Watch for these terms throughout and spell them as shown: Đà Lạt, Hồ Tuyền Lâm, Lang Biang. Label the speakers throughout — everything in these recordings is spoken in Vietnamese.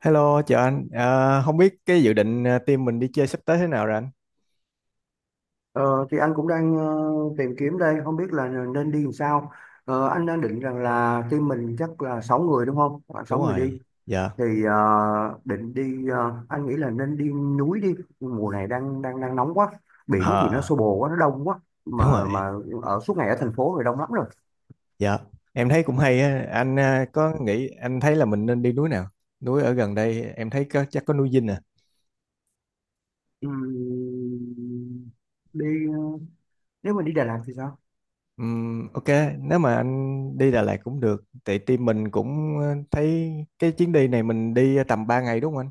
Speaker 1: Hello, chào anh. Ờ, Không biết cái dự định team mình đi chơi sắp tới thế nào rồi anh?
Speaker 2: Ờ, thì anh cũng đang tìm kiếm đây, không biết là nên đi làm sao. Anh đang định rằng là team mình chắc là 6 người đúng không? Khoảng 6
Speaker 1: Đúng
Speaker 2: người đi.
Speaker 1: rồi, dạ.
Speaker 2: Thì định đi, anh nghĩ là nên đi núi đi. Mùa này đang đang đang nóng quá. Biển thì nó
Speaker 1: Ờ,
Speaker 2: xô bồ quá, nó đông quá.
Speaker 1: Đúng
Speaker 2: Mà
Speaker 1: rồi,
Speaker 2: mà ở suốt ngày ở thành phố rồi đông lắm rồi.
Speaker 1: dạ. Em thấy cũng hay á. Anh có nghĩ anh thấy là mình nên đi núi nào? Núi ở gần đây em thấy có, chắc có núi Dinh à.
Speaker 2: Ừm, Đi ờ, nếu mà đi Đà Lạt thì sao?
Speaker 1: Ok, nếu mà anh đi Đà Lạt cũng được. Tại team mình cũng thấy cái chuyến đi này mình đi tầm 3 ngày đúng không anh?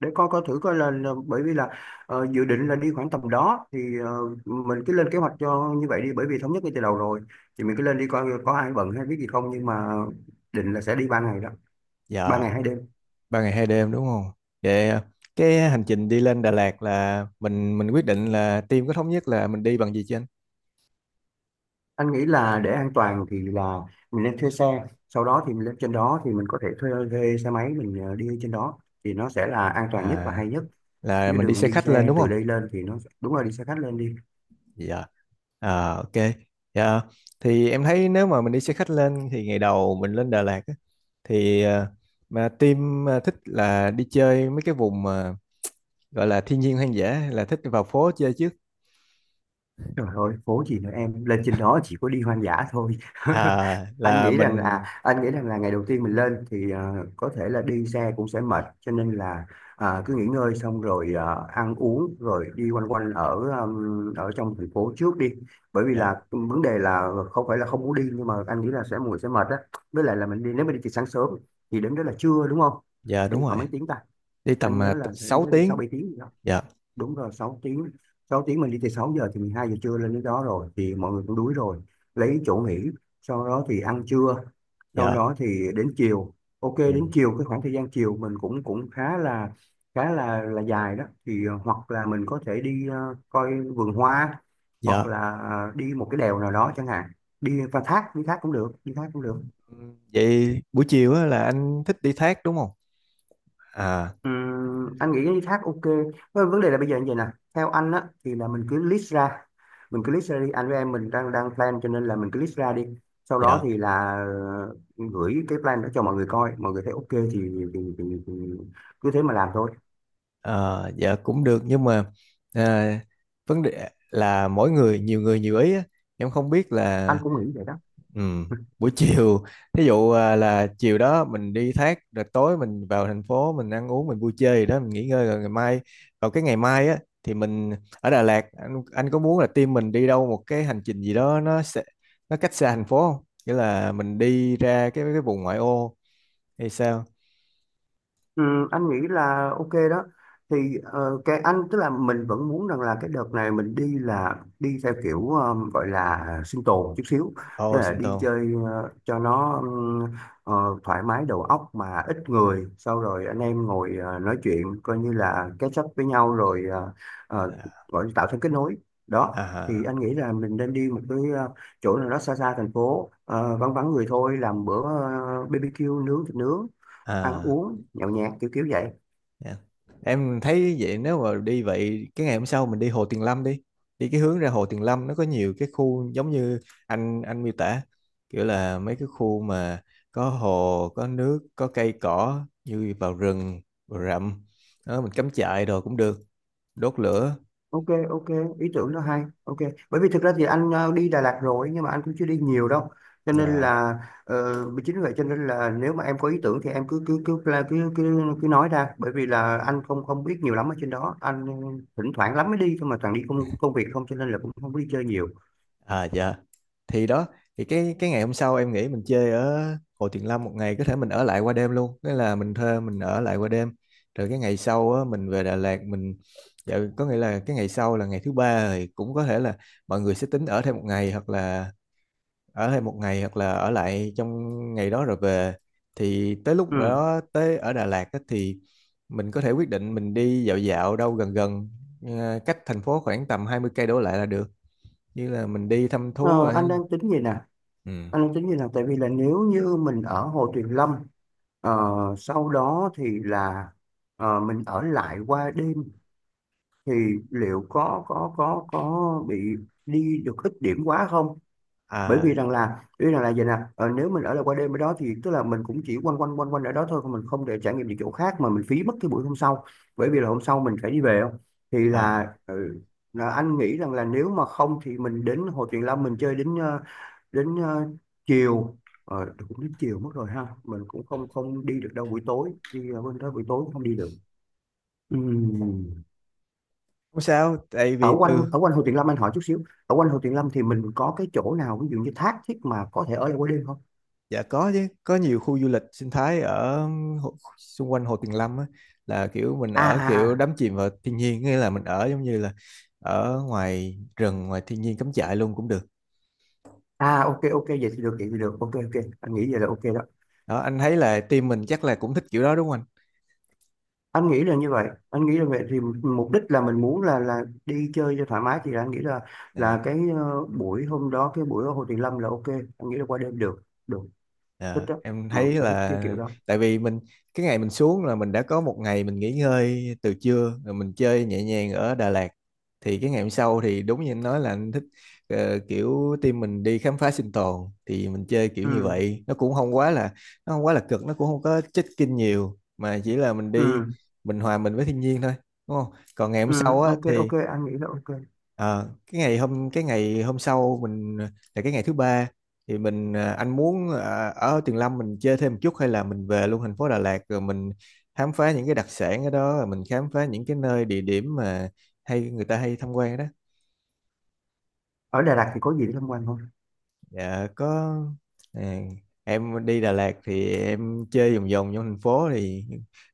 Speaker 2: Để coi coi thử coi là bởi vì là dự định là đi khoảng tầm đó thì mình cứ lên kế hoạch cho như vậy đi bởi vì thống nhất ngay từ đầu rồi thì mình cứ lên đi coi có ai bận hay biết gì không, nhưng mà định là sẽ đi ba ngày đó, ba
Speaker 1: Dạ.
Speaker 2: ngày hai đêm.
Speaker 1: 3 ngày 2 đêm đúng không? Vậy cái hành trình đi lên Đà Lạt là mình quyết định là team có thống nhất là mình đi bằng gì chưa anh?
Speaker 2: Anh nghĩ là để an toàn thì là mình nên thuê xe, sau đó thì mình lên trên đó thì mình có thể thuê xe máy mình đi trên đó thì nó sẽ là an toàn nhất và
Speaker 1: À,
Speaker 2: hay nhất,
Speaker 1: là
Speaker 2: chứ
Speaker 1: mình đi
Speaker 2: đừng
Speaker 1: xe
Speaker 2: đi
Speaker 1: khách lên
Speaker 2: xe
Speaker 1: đúng
Speaker 2: từ
Speaker 1: không?
Speaker 2: đây lên thì nó, đúng là đi xe khách lên đi.
Speaker 1: Dạ. À, ok. Dạ. Thì em thấy nếu mà mình đi xe khách lên thì ngày đầu mình lên Đà Lạt á, thì à, mà team thích là đi chơi mấy cái vùng mà gọi là thiên nhiên hoang dã hay là thích vào phố chơi trước.
Speaker 2: Trời ơi, phố gì nữa em, lên trên đó chỉ có đi hoang dã thôi.
Speaker 1: À,
Speaker 2: Anh
Speaker 1: là
Speaker 2: nghĩ rằng là
Speaker 1: mình.
Speaker 2: anh nghĩ rằng là ngày đầu tiên mình lên thì có thể là đi xe cũng sẽ mệt, cho nên là cứ
Speaker 1: Ừ,
Speaker 2: nghỉ ngơi xong rồi ăn uống rồi đi quanh quanh ở ở trong thành phố trước đi. Bởi vì
Speaker 1: dạ
Speaker 2: là vấn đề là không phải là không muốn đi nhưng mà anh nghĩ là sẽ mùi sẽ mệt á. Với lại là mình đi, nếu mình đi từ sáng sớm thì đến đó là trưa đúng không?
Speaker 1: dạ đúng
Speaker 2: Đi
Speaker 1: rồi.
Speaker 2: khoảng mấy tiếng ta?
Speaker 1: Đi
Speaker 2: Anh
Speaker 1: tầm
Speaker 2: nhớ là anh
Speaker 1: 6
Speaker 2: nhớ đi 6
Speaker 1: tiếng.
Speaker 2: 7 tiếng gì đó.
Speaker 1: Dạ
Speaker 2: Đúng rồi, Sáu tiếng mình đi từ 6 giờ thì 12 giờ trưa lên đến đó rồi, thì mọi người cũng đuối rồi, lấy chỗ nghỉ, sau đó thì ăn trưa, sau
Speaker 1: dạ,
Speaker 2: đó thì đến chiều. Ok,
Speaker 1: ừ,
Speaker 2: đến chiều cái khoảng thời gian chiều mình cũng cũng khá là khá là dài đó, thì hoặc là mình có thể đi coi vườn hoa, hoặc
Speaker 1: dạ.
Speaker 2: là đi một cái đèo nào đó chẳng hạn, đi qua thác, đi thác cũng được.
Speaker 1: Ừ, vậy buổi chiều á, là anh thích đi thác đúng không? À,
Speaker 2: Anh nghĩ cái thác ok. Vâng, vấn đề là bây giờ như vậy nè, theo anh á thì là mình cứ list ra đi, anh với em mình đang đang plan cho nên là mình cứ list ra đi, sau đó
Speaker 1: dạ.
Speaker 2: thì là gửi cái plan đó cho mọi người coi, mọi người thấy ok thì cứ thế mà làm thôi.
Speaker 1: Ờ, dạ cũng được nhưng mà à, vấn đề là mỗi người nhiều ý á. Em không biết
Speaker 2: Anh
Speaker 1: là
Speaker 2: cũng nghĩ vậy đó.
Speaker 1: ừm, buổi chiều thí dụ là chiều đó mình đi thác rồi tối mình vào thành phố mình ăn uống mình vui chơi gì đó mình nghỉ ngơi rồi ngày mai vào cái ngày mai á thì mình ở Đà Lạt. Anh có muốn là team mình đi đâu một cái hành trình gì đó nó sẽ nó cách xa thành phố không? Nghĩa là mình đi ra cái vùng ngoại ô hay sao?
Speaker 2: Ừ, anh nghĩ là ok đó. Thì cái anh tức là mình vẫn muốn rằng là cái đợt này mình đi là đi theo kiểu gọi là sinh tồn chút xíu, tức
Speaker 1: Ồ,
Speaker 2: là
Speaker 1: Sinh
Speaker 2: đi
Speaker 1: Tồn.
Speaker 2: chơi cho nó ờ, thoải mái đầu óc mà ít người, sau rồi anh em ngồi nói chuyện coi như là catch up với nhau rồi ờ,
Speaker 1: À,
Speaker 2: gọi là tạo thêm kết nối. Đó thì
Speaker 1: à,
Speaker 2: anh nghĩ là mình nên đi một cái chỗ nào đó xa xa thành phố, vắng vắng người thôi, làm bữa BBQ nướng, thịt nướng, ăn
Speaker 1: à.
Speaker 2: uống nhậu nhẹt kiểu kiểu vậy.
Speaker 1: Dạ. Em thấy vậy nếu mà đi vậy cái ngày hôm sau mình đi Hồ Tuyền Lâm, đi đi cái hướng ra Hồ Tuyền Lâm nó có nhiều cái khu giống như anh miêu tả, kiểu là mấy cái khu mà có hồ có nước có cây cỏ như vào rừng vào rậm đó, mình cắm trại rồi cũng được, đốt lửa.
Speaker 2: Ok, ok, ý tưởng đó hay, ok. Bởi vì thực ra thì anh đi Đà Lạt rồi nhưng mà anh cũng chưa đi nhiều đâu, cho nên
Speaker 1: Dạ.
Speaker 2: là ờ, chính vì vậy cho nên là nếu mà em có ý tưởng thì em cứ nói ra, bởi vì là anh không không biết nhiều lắm ở trên đó, anh thỉnh thoảng lắm mới đi thôi mà toàn đi công công việc không, cho nên là cũng không có đi chơi nhiều.
Speaker 1: À dạ. Thì đó, thì cái ngày hôm sau em nghĩ mình chơi ở Hồ Tuyền Lâm một ngày, có thể mình ở lại qua đêm luôn, nghĩa là mình thuê mình ở lại qua đêm. Rồi cái ngày sau á, mình về Đà Lạt mình, dạ, có nghĩa là cái ngày sau là ngày thứ ba thì cũng có thể là mọi người sẽ tính ở thêm một ngày, hoặc là ở thêm một ngày hoặc là ở lại trong ngày đó rồi về. Thì tới lúc
Speaker 2: Ừ.
Speaker 1: đó tới ở Đà Lạt á, thì mình có thể quyết định mình đi dạo dạo đâu gần gần, cách thành phố khoảng tầm 20 cây đổ lại là được, như là mình đi thăm thú.
Speaker 2: Ờ,
Speaker 1: Ừ,
Speaker 2: anh đang tính gì nè, tại vì là nếu như mình ở Hồ Tuyền Lâm, ờ, sau đó thì là mình ở lại qua đêm thì liệu có bị đi được ít điểm quá không, bởi vì
Speaker 1: à
Speaker 2: rằng là ý rằng là vậy nè, nếu mình ở lại qua đêm ở đó thì tức là mình cũng chỉ quanh quanh ở đó thôi, còn mình không để trải nghiệm những chỗ khác mà mình phí mất cái buổi hôm sau, bởi vì là hôm sau mình phải đi về không, thì là,
Speaker 1: à.
Speaker 2: ừ, là anh nghĩ rằng là nếu mà không thì mình đến Hồ Tuyền Lâm mình chơi đến đến ờ, chiều, cũng đến chiều mất rồi ha, mình cũng không không đi được đâu buổi tối, đi bên đó buổi tối cũng không đi được. Ừm.
Speaker 1: Không sao, tại vì từ.
Speaker 2: Ở quanh Hồ Tuyền Lâm, anh hỏi chút xíu, ở quanh Hồ Tuyền Lâm thì mình có cái chỗ nào ví dụ như thác thiết mà có thể ở lại qua đêm không?
Speaker 1: Dạ có chứ, có nhiều khu du lịch sinh thái ở xung quanh Hồ Tuyền Lâm á, là kiểu mình
Speaker 2: à
Speaker 1: ở,
Speaker 2: à
Speaker 1: kiểu
Speaker 2: à
Speaker 1: đắm chìm vào thiên nhiên, nghĩa là mình ở giống như là ở ngoài rừng ngoài thiên nhiên, cắm trại luôn cũng được.
Speaker 2: À, ok, ok, vậy thì được, ok, ok, anh nghĩ vậy là ok đó.
Speaker 1: Đó, anh thấy là team mình chắc là cũng thích kiểu đó đúng không anh?
Speaker 2: Anh nghĩ là như vậy, anh nghĩ là vậy thì mục đích là mình muốn là đi chơi cho thoải mái, thì là anh nghĩ là
Speaker 1: À.
Speaker 2: cái buổi hôm đó, cái buổi ở Hồ Tuyền Lâm là ok, anh nghĩ là qua đêm được được, thích
Speaker 1: Dạ,
Speaker 2: đó,
Speaker 1: em
Speaker 2: mọi
Speaker 1: thấy
Speaker 2: người sẽ thích cái
Speaker 1: là,
Speaker 2: kiểu đó.
Speaker 1: tại vì mình, cái ngày mình xuống là mình đã có một ngày mình nghỉ ngơi từ trưa rồi mình chơi nhẹ nhàng ở Đà Lạt, thì cái ngày hôm sau thì đúng như anh nói là anh thích kiểu team mình đi khám phá sinh tồn, thì mình chơi kiểu như
Speaker 2: ừ
Speaker 1: vậy nó cũng không quá là, nó không quá là cực, nó cũng không có check-in nhiều mà chỉ là mình đi,
Speaker 2: ừ
Speaker 1: mình hòa mình với thiên nhiên thôi đúng không, còn ngày hôm
Speaker 2: ừ,
Speaker 1: sau á
Speaker 2: ok,
Speaker 1: thì.
Speaker 2: ok, anh nghĩ là ok.
Speaker 1: Cái ngày hôm sau mình, là cái ngày thứ ba, thì mình anh muốn ở Tuyền Lâm mình chơi thêm một chút hay là mình về luôn thành phố Đà Lạt rồi mình khám phá những cái đặc sản ở đó rồi mình khám phá những cái nơi địa điểm mà hay người ta hay tham quan đó?
Speaker 2: Ở Đà Lạt thì có gì để tham quan không?
Speaker 1: Dạ có. à, em đi Đà Lạt thì em chơi vòng vòng trong thành phố thì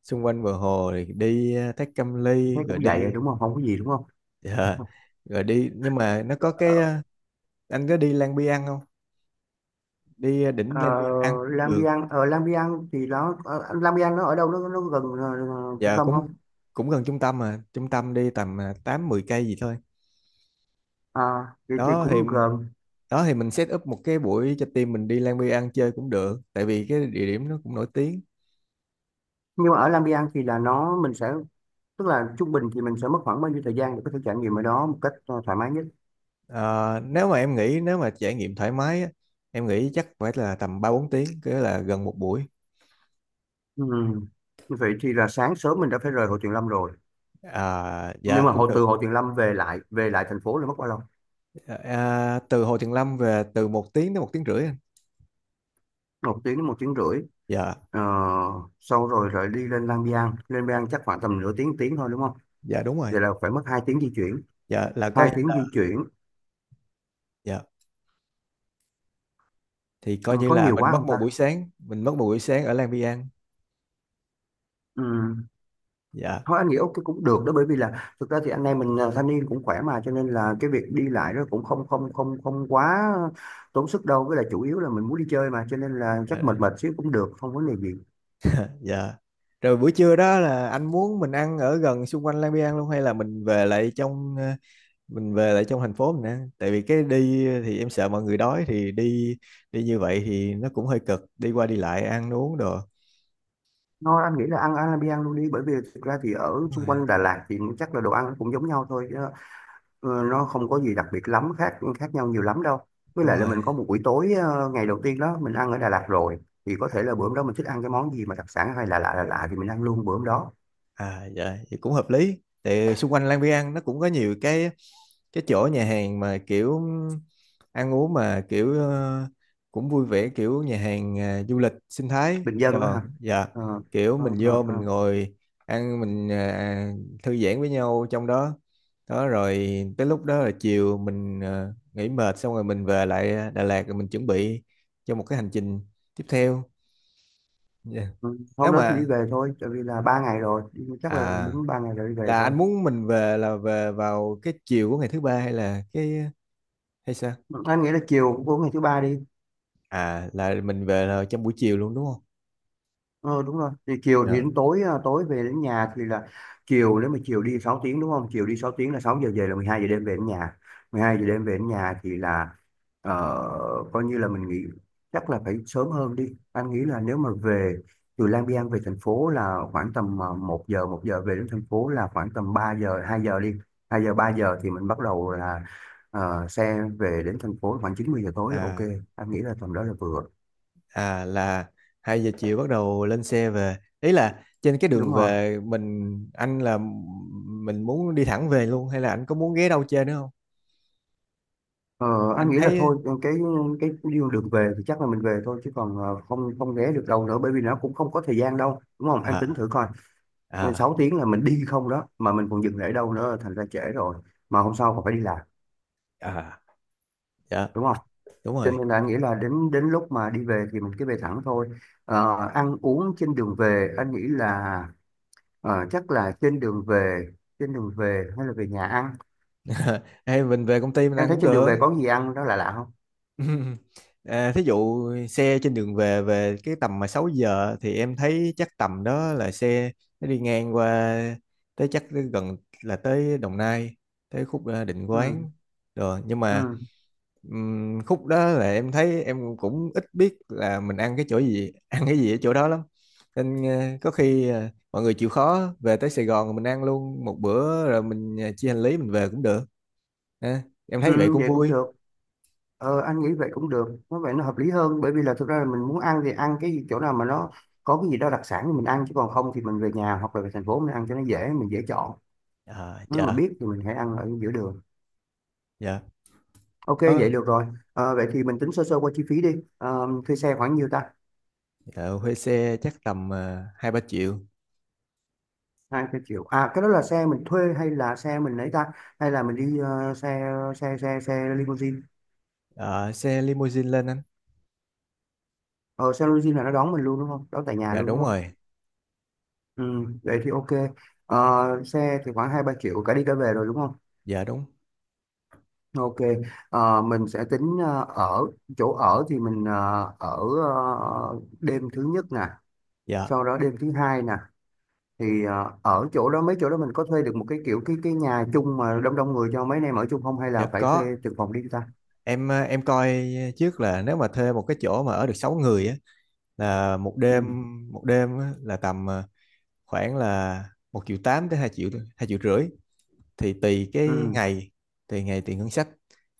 Speaker 1: xung quanh bờ hồ thì đi Thác Cam
Speaker 2: Anh
Speaker 1: Ly
Speaker 2: thấy
Speaker 1: rồi
Speaker 2: cũng
Speaker 1: đi.
Speaker 2: vậy rồi đúng không, không có gì đúng không?
Speaker 1: Dạ, rồi đi nhưng mà nó có cái
Speaker 2: Ờ.
Speaker 1: à, anh có đi Lang Biang không, đi
Speaker 2: Ờ,
Speaker 1: đỉnh Lan Biên ăn cũng
Speaker 2: Lang
Speaker 1: được.
Speaker 2: Biang, ở Lang Biang thì nó Lang Biang nó ở đâu, nó gần trung
Speaker 1: Dạ
Speaker 2: tâm
Speaker 1: cũng
Speaker 2: không?
Speaker 1: cũng gần trung tâm, mà trung tâm đi tầm 8 10 cây gì thôi.
Speaker 2: À, thì
Speaker 1: đó thì
Speaker 2: cũng gần,
Speaker 1: đó thì mình set up một cái buổi cho team mình đi Lan Biên ăn chơi cũng được tại vì cái địa điểm nó cũng nổi tiếng.
Speaker 2: nhưng mà ở Lang Biang thì là nó mình sẽ, tức là trung bình thì mình sẽ mất khoảng bao nhiêu thời gian để có thể trải nghiệm ở đó một cách thoải mái nhất.
Speaker 1: Ờ, Nếu mà em nghĩ nếu mà trải nghiệm thoải mái á, em nghĩ chắc phải là tầm 3 4 tiếng, cái là gần một buổi.
Speaker 2: Ừ. Vậy thì là sáng sớm mình đã phải rời Hồ Tuyền Lâm rồi,
Speaker 1: À,
Speaker 2: nhưng
Speaker 1: dạ
Speaker 2: mà
Speaker 1: cũng
Speaker 2: hồ từ
Speaker 1: được.
Speaker 2: Hồ Tuyền Lâm về lại thành phố là mất bao lâu?
Speaker 1: Dạ, từ Hồ Tuyền Lâm về từ 1 tiếng đến 1 tiếng rưỡi anh.
Speaker 2: Một tiếng đến một tiếng rưỡi.
Speaker 1: Dạ
Speaker 2: Ờ, sau rồi rồi đi lên Lang Biang, lên Lang Biang chắc khoảng tầm nửa tiếng, tiếng thôi đúng không?
Speaker 1: dạ đúng rồi.
Speaker 2: Vậy là phải mất
Speaker 1: Dạ là có.
Speaker 2: hai tiếng di chuyển.
Speaker 1: Dạ thì
Speaker 2: Ừ,
Speaker 1: coi như
Speaker 2: có
Speaker 1: là
Speaker 2: nhiều
Speaker 1: mình
Speaker 2: quá
Speaker 1: mất
Speaker 2: không
Speaker 1: một
Speaker 2: ta.
Speaker 1: buổi sáng, mình mất một buổi sáng ở Lang Biang.
Speaker 2: Ừ.
Speaker 1: Dạ
Speaker 2: Thôi anh nghĩ ok, cũng được đó, bởi vì là thực ra thì anh em mình thanh niên cũng khỏe mà, cho nên là cái việc đi lại đó cũng không không không không quá tốn sức đâu, với lại chủ yếu là mình muốn đi chơi mà cho nên là chắc mệt
Speaker 1: dạ
Speaker 2: mệt xíu cũng được, không vấn đề gì.
Speaker 1: dạ. Rồi buổi trưa đó là anh muốn mình ăn ở gần xung quanh Lang Biang luôn hay là mình về lại trong thành phố mình ăn, tại vì cái đi thì em sợ mọi người đói thì đi, đi như vậy thì nó cũng hơi cực, đi qua đi lại ăn uống đồ.
Speaker 2: Thôi anh nghĩ là ăn ăn luôn đi, bởi vì thực ra thì ở
Speaker 1: Đúng
Speaker 2: xung
Speaker 1: rồi,
Speaker 2: quanh Đà Lạt thì chắc là đồ ăn cũng giống nhau thôi chứ, nó không có gì đặc biệt lắm, khác khác nhau nhiều lắm đâu, với
Speaker 1: đúng
Speaker 2: lại là
Speaker 1: rồi.
Speaker 2: mình có một buổi tối ngày đầu tiên đó mình ăn ở Đà Lạt rồi, thì có
Speaker 1: À,
Speaker 2: thể là bữa hôm đó mình thích ăn cái món gì mà đặc sản hay là lạ lạ lạ thì mình ăn luôn bữa hôm đó.
Speaker 1: à dạ, vậy cũng hợp lý. Tại xung quanh Lang Biang nó cũng có nhiều cái chỗ nhà hàng mà kiểu ăn uống, mà kiểu cũng vui vẻ, kiểu nhà hàng du lịch sinh thái.
Speaker 2: Bình Dân á
Speaker 1: Rồi,
Speaker 2: hả?
Speaker 1: dạ.
Speaker 2: Ờ,
Speaker 1: Kiểu
Speaker 2: ờ,
Speaker 1: mình
Speaker 2: ờ,
Speaker 1: vô mình
Speaker 2: ờ.
Speaker 1: ngồi ăn mình thư giãn với nhau trong đó. Đó, rồi tới lúc đó là chiều mình nghỉ mệt xong rồi mình về lại Đà Lạt rồi mình chuẩn bị cho một cái hành trình tiếp theo. Dạ.
Speaker 2: Ừ,
Speaker 1: Nếu
Speaker 2: hôm đó thì đi
Speaker 1: mà
Speaker 2: về thôi, tại vì là ba ngày rồi, chắc là
Speaker 1: à
Speaker 2: đúng ba ngày rồi đi về
Speaker 1: là
Speaker 2: thôi.
Speaker 1: anh muốn mình về là về vào cái chiều của ngày thứ ba hay là hay sao?
Speaker 2: Anh nghĩ là chiều của ngày thứ ba đi.
Speaker 1: À, là mình về là trong buổi chiều luôn đúng không?
Speaker 2: Ờ đúng rồi, thì chiều thì
Speaker 1: Dạ.
Speaker 2: đến tối, tối về đến nhà thì là chiều, nếu mà chiều đi 6 tiếng đúng không, chiều đi 6 tiếng là 6 giờ về là 12 giờ đêm về đến nhà thì là ờ, coi như là mình nghỉ. Chắc là phải sớm hơn đi, anh nghĩ là nếu mà về từ Lang Biang về thành phố là khoảng tầm một giờ về đến thành phố là khoảng tầm 3 giờ, 2 giờ đi, 2 giờ 3 giờ thì mình bắt đầu là xe về đến thành phố khoảng 90 giờ tối là ok,
Speaker 1: à
Speaker 2: anh nghĩ là tầm đó là vừa.
Speaker 1: là 2 giờ chiều bắt đầu lên xe về, ý là trên cái đường
Speaker 2: Đúng rồi.
Speaker 1: về mình, anh, là mình muốn đi thẳng về luôn hay là anh có muốn ghé đâu chơi nữa không,
Speaker 2: Ờ, anh
Speaker 1: anh
Speaker 2: nghĩ là
Speaker 1: thấy?
Speaker 2: thôi cái đường đường về thì chắc là mình về thôi chứ còn không không ghé được đâu nữa, bởi vì nó cũng không có thời gian đâu đúng không, em tính
Speaker 1: À,
Speaker 2: thử coi,
Speaker 1: à,
Speaker 2: 6 tiếng là mình đi không đó mà mình còn dừng lại đâu nữa thành ra trễ rồi, mà hôm sau còn phải đi làm
Speaker 1: à, dạ
Speaker 2: đúng không,
Speaker 1: đúng
Speaker 2: cho
Speaker 1: rồi.
Speaker 2: nên là anh nghĩ là đến đến lúc mà đi về thì mình cứ về thẳng thôi. Ờ, ăn uống trên đường về, anh nghĩ là chắc là trên đường về hay là về nhà ăn?
Speaker 1: Hay mình về công ty mình
Speaker 2: Em
Speaker 1: ăn
Speaker 2: thấy
Speaker 1: cũng
Speaker 2: trên đường
Speaker 1: được.
Speaker 2: về có gì ăn đó là lạ lạ không?
Speaker 1: À, thí dụ xe trên đường về về cái tầm mà 6 giờ thì em thấy chắc tầm đó là xe nó đi ngang qua tới, chắc tới gần là tới Đồng Nai, tới khúc Định
Speaker 2: ừ,
Speaker 1: Quán rồi, nhưng mà
Speaker 2: ừ,
Speaker 1: khúc đó là em thấy em cũng ít biết là mình ăn cái chỗ gì ăn cái gì ở chỗ đó lắm, nên có khi mọi người chịu khó về tới Sài Gòn rồi mình ăn luôn một bữa rồi mình chia hành lý mình về cũng được, ha. Em
Speaker 2: ừ,
Speaker 1: thấy vậy cũng
Speaker 2: vậy cũng
Speaker 1: vui.
Speaker 2: được. Ờ, anh nghĩ vậy cũng được, nó vậy nó hợp lý hơn, bởi vì là thực ra là mình muốn ăn thì ăn cái chỗ nào mà nó có cái gì đó đặc sản thì mình ăn, chứ còn không thì mình về nhà hoặc là về thành phố mình ăn cho nó dễ, mình dễ chọn.
Speaker 1: Ờ,
Speaker 2: Nếu mà
Speaker 1: dạ
Speaker 2: biết thì mình hãy ăn ở giữa đường.
Speaker 1: dạ.
Speaker 2: Ok,
Speaker 1: Đó.
Speaker 2: vậy được rồi. Ờ, vậy thì mình tính sơ sơ qua chi phí đi. Ờ, thuê xe khoảng nhiêu ta?
Speaker 1: Ờ, Thuê xe chắc tầm 2 3 triệu.
Speaker 2: Hai cái triệu à? Cái đó là xe mình thuê hay là xe mình lấy ta, hay là mình đi xe xe xe xe limousine?
Speaker 1: Ờ, Xe limousine lên anh.
Speaker 2: Ờ, xe limousine là nó đón mình luôn đúng không, đón tại nhà
Speaker 1: Dạ
Speaker 2: luôn đúng
Speaker 1: đúng
Speaker 2: không?
Speaker 1: rồi.
Speaker 2: Ừ, vậy thì ok. Ờ, xe thì khoảng hai ba triệu cả đi cả về rồi đúng không?
Speaker 1: Dạ đúng.
Speaker 2: Ok, mình sẽ tính ờ, ở chỗ ở thì mình đêm thứ nhất nè,
Speaker 1: Dạ
Speaker 2: sau đó đêm thứ hai nè, thì ở chỗ đó, mấy chỗ đó mình có thuê được một cái kiểu cái nhà chung mà đông đông người cho mấy anh em ở chung không, hay
Speaker 1: dạ
Speaker 2: là phải thuê
Speaker 1: có,
Speaker 2: từng phòng riêng ta?
Speaker 1: em coi trước là nếu mà thuê một cái chỗ mà ở được 6 người á, là một
Speaker 2: Ừ,
Speaker 1: đêm, một đêm á, là tầm khoảng là 1,8 triệu tới hai triệu, 2,5 triệu, thì tùy cái
Speaker 2: ừ,
Speaker 1: ngày, tùy ngày tùy ngân sách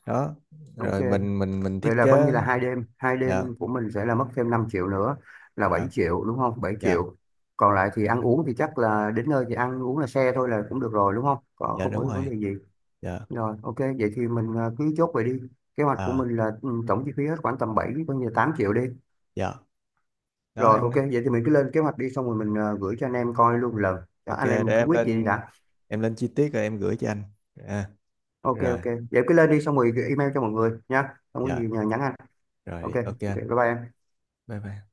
Speaker 1: đó,
Speaker 2: ok.
Speaker 1: rồi mình
Speaker 2: Vậy
Speaker 1: thiết
Speaker 2: là coi như
Speaker 1: kế.
Speaker 2: là hai
Speaker 1: Dạ
Speaker 2: đêm của mình sẽ là mất thêm 5 triệu nữa, là 7
Speaker 1: dạ
Speaker 2: triệu đúng không? 7
Speaker 1: dạ
Speaker 2: triệu. Còn lại thì ăn uống thì chắc là đến nơi thì ăn uống là xe thôi là cũng được rồi đúng không? Còn
Speaker 1: dạ,
Speaker 2: không có
Speaker 1: đúng
Speaker 2: vấn
Speaker 1: rồi.
Speaker 2: đề gì.
Speaker 1: Dạ,
Speaker 2: Rồi, ok, vậy thì mình cứ chốt vậy đi. Kế hoạch của
Speaker 1: à,
Speaker 2: mình là ừ, tổng chi phí hết khoảng tầm 7, coi như là 8 triệu đi.
Speaker 1: dạ. Đó
Speaker 2: Rồi,
Speaker 1: em.
Speaker 2: ok, vậy thì mình cứ lên kế hoạch đi, xong rồi mình gửi cho anh em coi luôn lần. Đó,
Speaker 1: Ok,
Speaker 2: anh
Speaker 1: để
Speaker 2: em mình cứ
Speaker 1: em
Speaker 2: quyết gì đi
Speaker 1: lên
Speaker 2: đã.
Speaker 1: em lên chi tiết rồi em gửi cho anh. À,
Speaker 2: Ok,
Speaker 1: rồi,
Speaker 2: ok. Vậy cứ lên đi, xong rồi email cho mọi người nha. Không có gì
Speaker 1: dạ,
Speaker 2: nhờ nhắn anh. Ok,
Speaker 1: rồi ok
Speaker 2: ok,
Speaker 1: anh.
Speaker 2: bye bye em.
Speaker 1: Bye bye.